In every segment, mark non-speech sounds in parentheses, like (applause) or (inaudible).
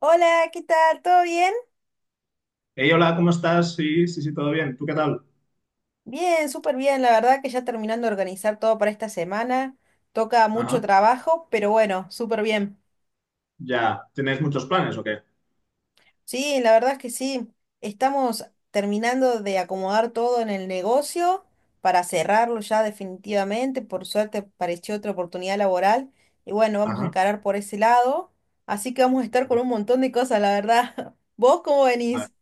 Hola, ¿qué tal? ¿Todo bien? Hey, hola, ¿cómo estás? Sí, sí, sí, todo bien. ¿Tú qué tal? Bien, súper bien. La verdad que ya terminando de organizar todo para esta semana. Toca mucho Ajá, trabajo, pero bueno, súper bien. ya. ¿Tenéis muchos planes o qué? Sí, la verdad es que sí. Estamos terminando de acomodar todo en el negocio para cerrarlo ya definitivamente. Por suerte apareció otra oportunidad laboral y bueno, vamos a Ajá. encarar por ese lado. Así que vamos a estar con Bueno, un montón de cosas, la verdad. (laughs) ¿Vos cómo vale. venís?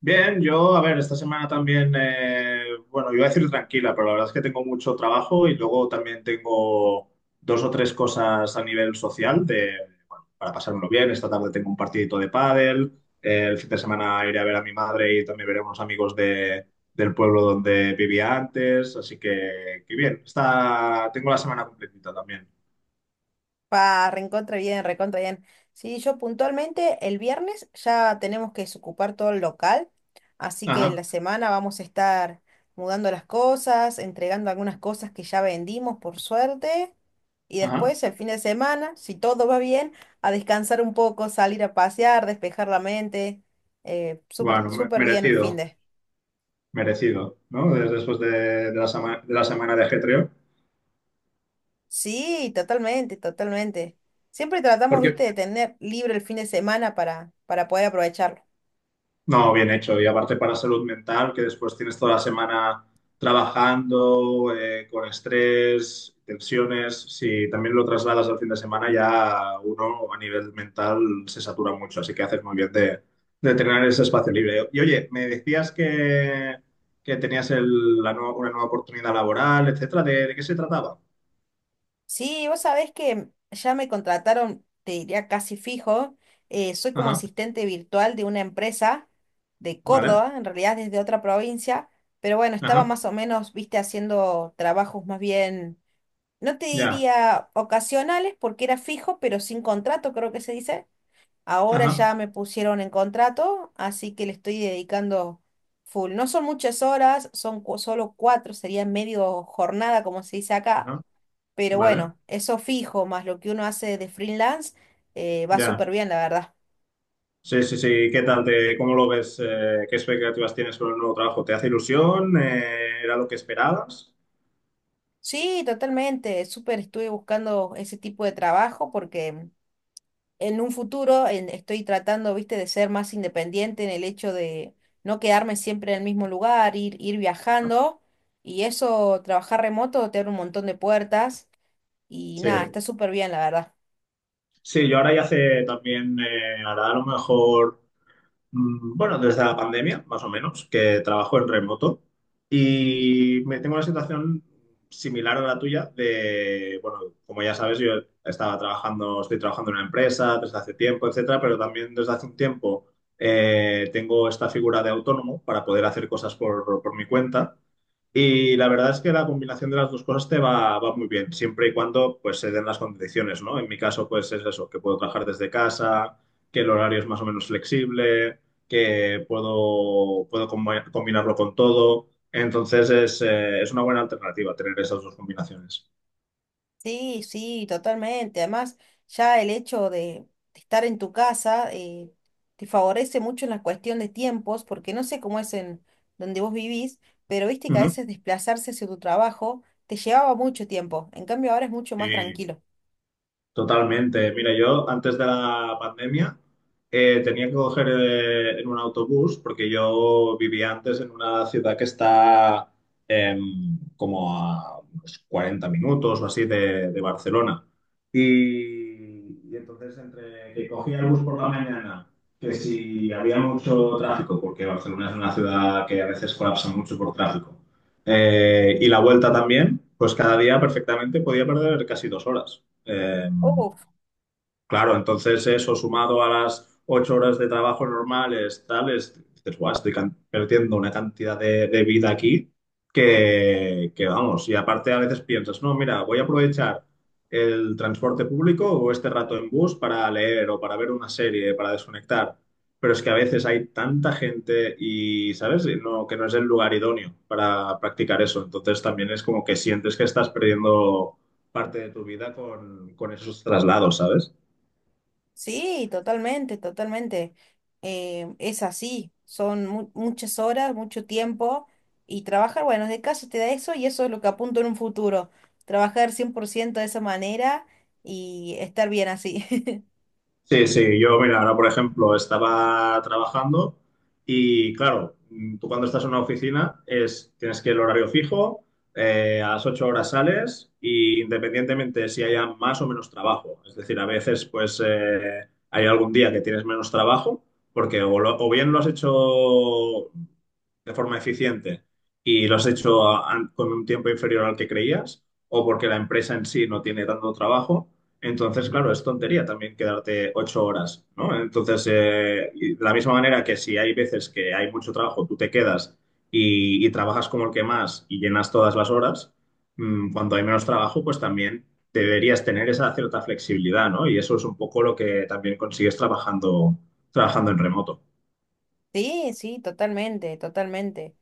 Bien, yo, a ver, esta semana también, bueno, iba a decir tranquila, pero la verdad es que tengo mucho trabajo y luego también tengo dos o tres cosas a nivel social de, bueno, para pasármelo bien. Esta tarde tengo un partidito de pádel, el fin de semana iré a ver a mi madre y también veré a unos amigos de, del pueblo donde vivía antes, así que bien. Está, tengo la semana completita también. Pa, recontra bien, recontra bien. Sí, yo puntualmente el viernes ya tenemos que desocupar todo el local, así que Ajá. la semana vamos a estar mudando las cosas, entregando algunas cosas que ya vendimos, por suerte, y Ajá. después el fin de semana, si todo va bien, a descansar un poco, salir a pasear, despejar la mente, súper, Bueno, súper bien el fin merecido, de. merecido, ¿no? Después de la semana, de la semana de ajetreo. Sí, totalmente, totalmente. Siempre tratamos, Porque, viste, de tener libre el fin de semana para poder aprovecharlo. no, bien hecho. Y aparte para salud mental, que después tienes toda la semana trabajando, con estrés, tensiones. Si también lo trasladas al fin de semana, ya uno a nivel mental se satura mucho. Así que haces muy bien de tener ese espacio libre. Y oye, me decías que tenías una nueva oportunidad laboral, etcétera. De qué se trataba? Sí, vos sabés que ya me contrataron, te diría casi fijo. Soy como Ajá, asistente virtual de una empresa de vale. Córdoba, en realidad desde otra provincia, pero bueno, estaba Ajá, más o menos, viste, haciendo trabajos más bien, no te ya, diría ocasionales porque era fijo, pero sin contrato, creo que se dice. Ahora ajá, ya me pusieron en contrato, así que le estoy dedicando full. No son muchas horas, son solo cuatro, sería medio jornada, como se dice acá, ajá, pero vale, bueno, eso fijo, más lo que uno hace de freelance, va súper ya. bien, la verdad. Sí, sí, sí, ¿qué tal? Te, ¿cómo lo ves? ¿Qué expectativas tienes con el nuevo trabajo? ¿Te hace ilusión? ¿Era lo que esperabas? Sí, totalmente, súper estuve buscando ese tipo de trabajo porque en un futuro estoy tratando, viste, de ser más independiente en el hecho de no quedarme siempre en el mismo lugar, ir ¿No? viajando y eso, trabajar remoto te abre un montón de puertas y Sí, nada, está súper bien, la verdad. sí, yo ahora ya hace también, hará a lo mejor. Bueno, desde la pandemia, más o menos, que trabajo en remoto y me tengo una situación similar a la tuya de, bueno, como ya sabes, yo estaba trabajando, estoy trabajando en una empresa desde hace tiempo, etcétera, pero también desde hace un tiempo tengo esta figura de autónomo para poder hacer cosas por mi cuenta y la verdad es que la combinación de las dos cosas te va, va muy bien, siempre y cuando pues se den las condiciones, ¿no? En mi caso, pues es eso, que puedo trabajar desde casa, que el horario es más o menos flexible, que puedo, puedo combinarlo con todo. Entonces es una buena alternativa tener esas dos combinaciones. Sí, sí, totalmente. Además, ya el hecho de estar en tu casa, te favorece mucho en la cuestión de tiempos, porque no sé cómo es en donde vos vivís, pero viste que a Ujú. veces desplazarse hacia tu trabajo te llevaba mucho tiempo. En cambio, ahora es mucho más Sí, tranquilo. totalmente. Mira, yo antes de la pandemia tenía que coger en un autobús porque yo vivía antes en una ciudad que está como a unos 40 minutos o así de Barcelona. Y entonces entre que cogía el bus por la mañana, que si había mucho tráfico, porque Barcelona es una ciudad que a veces colapsa mucho por tráfico, y la vuelta también, pues cada día perfectamente podía perder casi 2 horas. Eh, Claro, entonces eso sumado a las 8 horas de trabajo normales, tales, dices, guau, estoy perdiendo una cantidad de vida aquí que vamos. Y aparte a veces piensas, no, mira, voy a aprovechar el transporte público o este rato en bus para leer o para ver una serie, para desconectar. Pero es que a veces hay tanta gente y, ¿sabes? Y no, que no es el lugar idóneo para practicar eso. Entonces también es como que sientes que estás perdiendo parte de tu vida con esos traslados, ¿sabes? Sí, totalmente, totalmente. Es así, son muchas horas, mucho tiempo, y trabajar, bueno, de casa te da eso, y eso es lo que apunto en un futuro, trabajar 100% de esa manera y estar bien así. (laughs) Sí, sí, yo, mira, ahora por ejemplo estaba trabajando y claro, tú cuando estás en una oficina es, tienes que el horario fijo, a las 8 horas sales y independientemente si haya más o menos trabajo. Es decir, a veces pues hay algún día que tienes menos trabajo porque o, o bien lo has hecho de forma eficiente y lo has hecho con un tiempo inferior al que creías o porque la empresa en sí no tiene tanto trabajo. Entonces, claro, es tontería también quedarte 8 horas, ¿no? Entonces, y de la misma manera que si hay veces que hay mucho trabajo, tú te quedas y trabajas como el que más y llenas todas las horas, cuando hay menos trabajo, pues también deberías tener esa cierta flexibilidad, ¿no? Y eso es un poco lo que también consigues trabajando, trabajando en remoto. Sí, sí, totalmente, totalmente.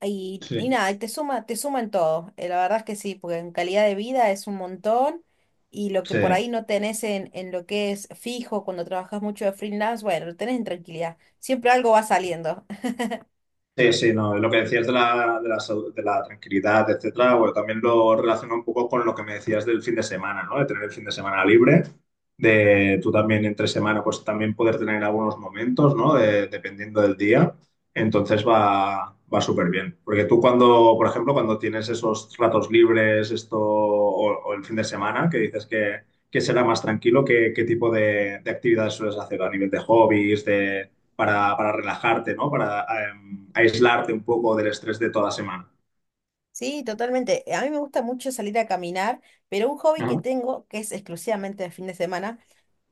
Y, Sí, y nada, y te suma en todo. La verdad es que sí, porque en calidad de vida es un montón, y lo que sí. por ahí no tenés en lo que es fijo cuando trabajas mucho de freelance, bueno, lo tenés en tranquilidad. Siempre algo va Sí. saliendo. (laughs) Sí, sí, no, lo que decías de la, de la, de la tranquilidad, etcétera, bueno, también lo relaciono un poco con lo que me decías del fin de semana, ¿no? De tener el fin de semana libre, de tú también entre semana, pues también poder tener algunos momentos, ¿no? Dependiendo del día, entonces va, va súper bien. Porque tú cuando, por ejemplo, cuando tienes esos ratos libres, esto, o el fin de semana, que dices que será más tranquilo, ¿qué, qué tipo de actividades sueles hacer a nivel de hobbies, para relajarte, ¿no? Para aislarte un poco del estrés de toda la semana. Sí, totalmente. A mí me gusta mucho salir a caminar, pero un hobby que Ajá. tengo, que es exclusivamente de fin de semana,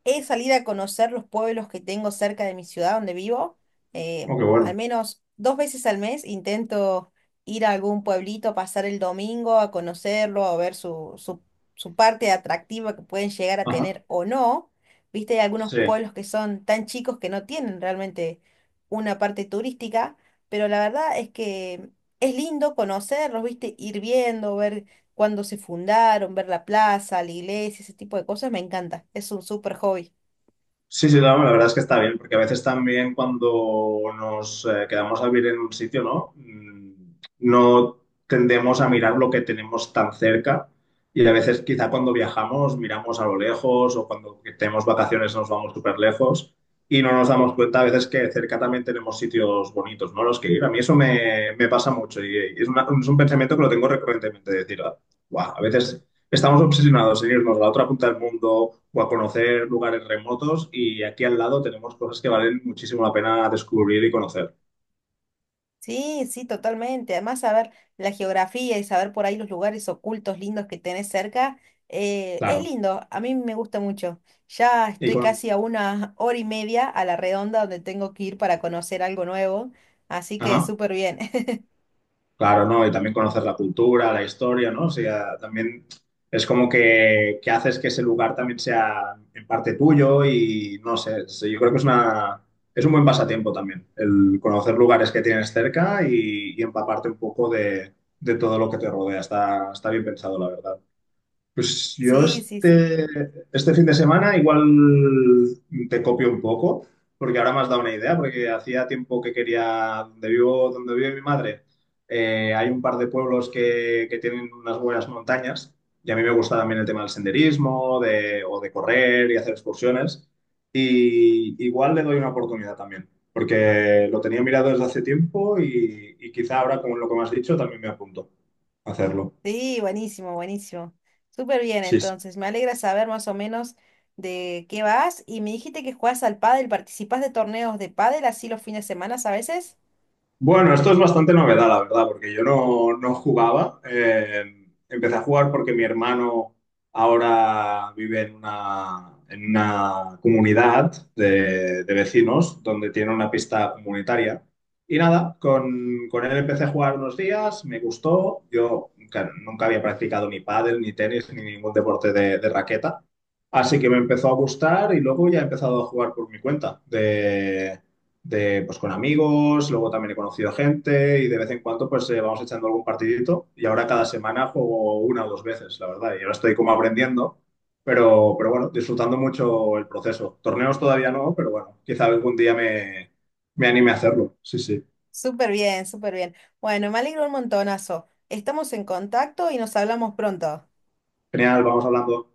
es salir a conocer los pueblos que tengo cerca de mi ciudad donde vivo. Oh, qué Al bueno. menos dos veces al mes intento ir a algún pueblito, pasar el domingo a conocerlo, a ver su parte atractiva que pueden llegar a Ajá. tener o no. Viste, hay algunos Sí. pueblos que son tan chicos que no tienen realmente una parte turística, pero la verdad es que es lindo conocerlos, viste, ir viendo, ver cuándo se fundaron, ver la plaza, la iglesia, ese tipo de cosas, me encanta. Es un súper hobby. Sí, sí, no, la verdad es que está bien, porque a veces también cuando nos quedamos a vivir en un sitio, ¿no? No tendemos a mirar lo que tenemos tan cerca y a veces quizá cuando viajamos miramos a lo lejos o cuando tenemos vacaciones nos vamos súper lejos y no nos damos cuenta a veces que cerca también tenemos sitios bonitos, ¿no? Los que ir. A mí eso me, me pasa mucho y, es, es un pensamiento que lo tengo recurrentemente, de decir, wow, a veces estamos obsesionados en irnos a la otra punta del mundo o a conocer lugares remotos y aquí al lado tenemos cosas que valen muchísimo la pena descubrir y conocer. Sí, sí, totalmente. Además, saber la geografía y saber por ahí los lugares ocultos lindos que tenés cerca, es Claro. lindo. A mí me gusta mucho. Ya Y estoy con... casi a 1 hora y media a la redonda donde tengo que ir para conocer algo nuevo. Así que Ajá. súper bien. (laughs) Claro, ¿no? Y también conocer la cultura, la historia, ¿no? O sea, también es como que haces que ese lugar también sea en parte tuyo y no sé, yo creo que es una... Es un buen pasatiempo también, el conocer lugares que tienes cerca y empaparte un poco de todo lo que te rodea. Está, está bien pensado, la verdad. Pues yo Sí, sí, sí. este, este fin de semana igual te copio un poco, porque ahora me has dado una idea, porque hacía tiempo que quería, donde vivo, donde vive mi madre, hay un par de pueblos que tienen unas buenas montañas, y a mí me gusta también el tema del senderismo, de, o de correr y hacer excursiones, y igual le doy una oportunidad también, porque lo tenía mirado desde hace tiempo y quizá ahora con lo que me has dicho también me apunto a hacerlo. Sí, buenísimo, buenísimo. Súper bien, entonces. Me alegra saber más o menos de qué vas. Y me dijiste que jugás al pádel, participás de torneos de pádel así los fines de semana a veces. Bueno, esto es bastante novedad, la verdad, porque yo no, no jugaba. Empecé a jugar porque mi hermano ahora vive en una comunidad de vecinos donde tiene una pista comunitaria. Y nada, con él empecé a jugar unos días, me gustó. Yo nunca, nunca había practicado ni pádel, ni tenis, ni ningún deporte de raqueta. Así que me empezó a gustar y luego ya he empezado a jugar por mi cuenta de, pues, con amigos, luego también he conocido gente y de vez en cuando pues vamos echando algún partidito y ahora cada semana juego una o dos veces, la verdad, y ahora estoy como aprendiendo, pero bueno, disfrutando mucho el proceso. Torneos todavía no, pero bueno, quizá algún día me, me anime a hacerlo. Sí, sí. Súper bien, súper bien. Bueno, me alegro un montonazo. Estamos en contacto y nos hablamos pronto. Genial, vamos hablando.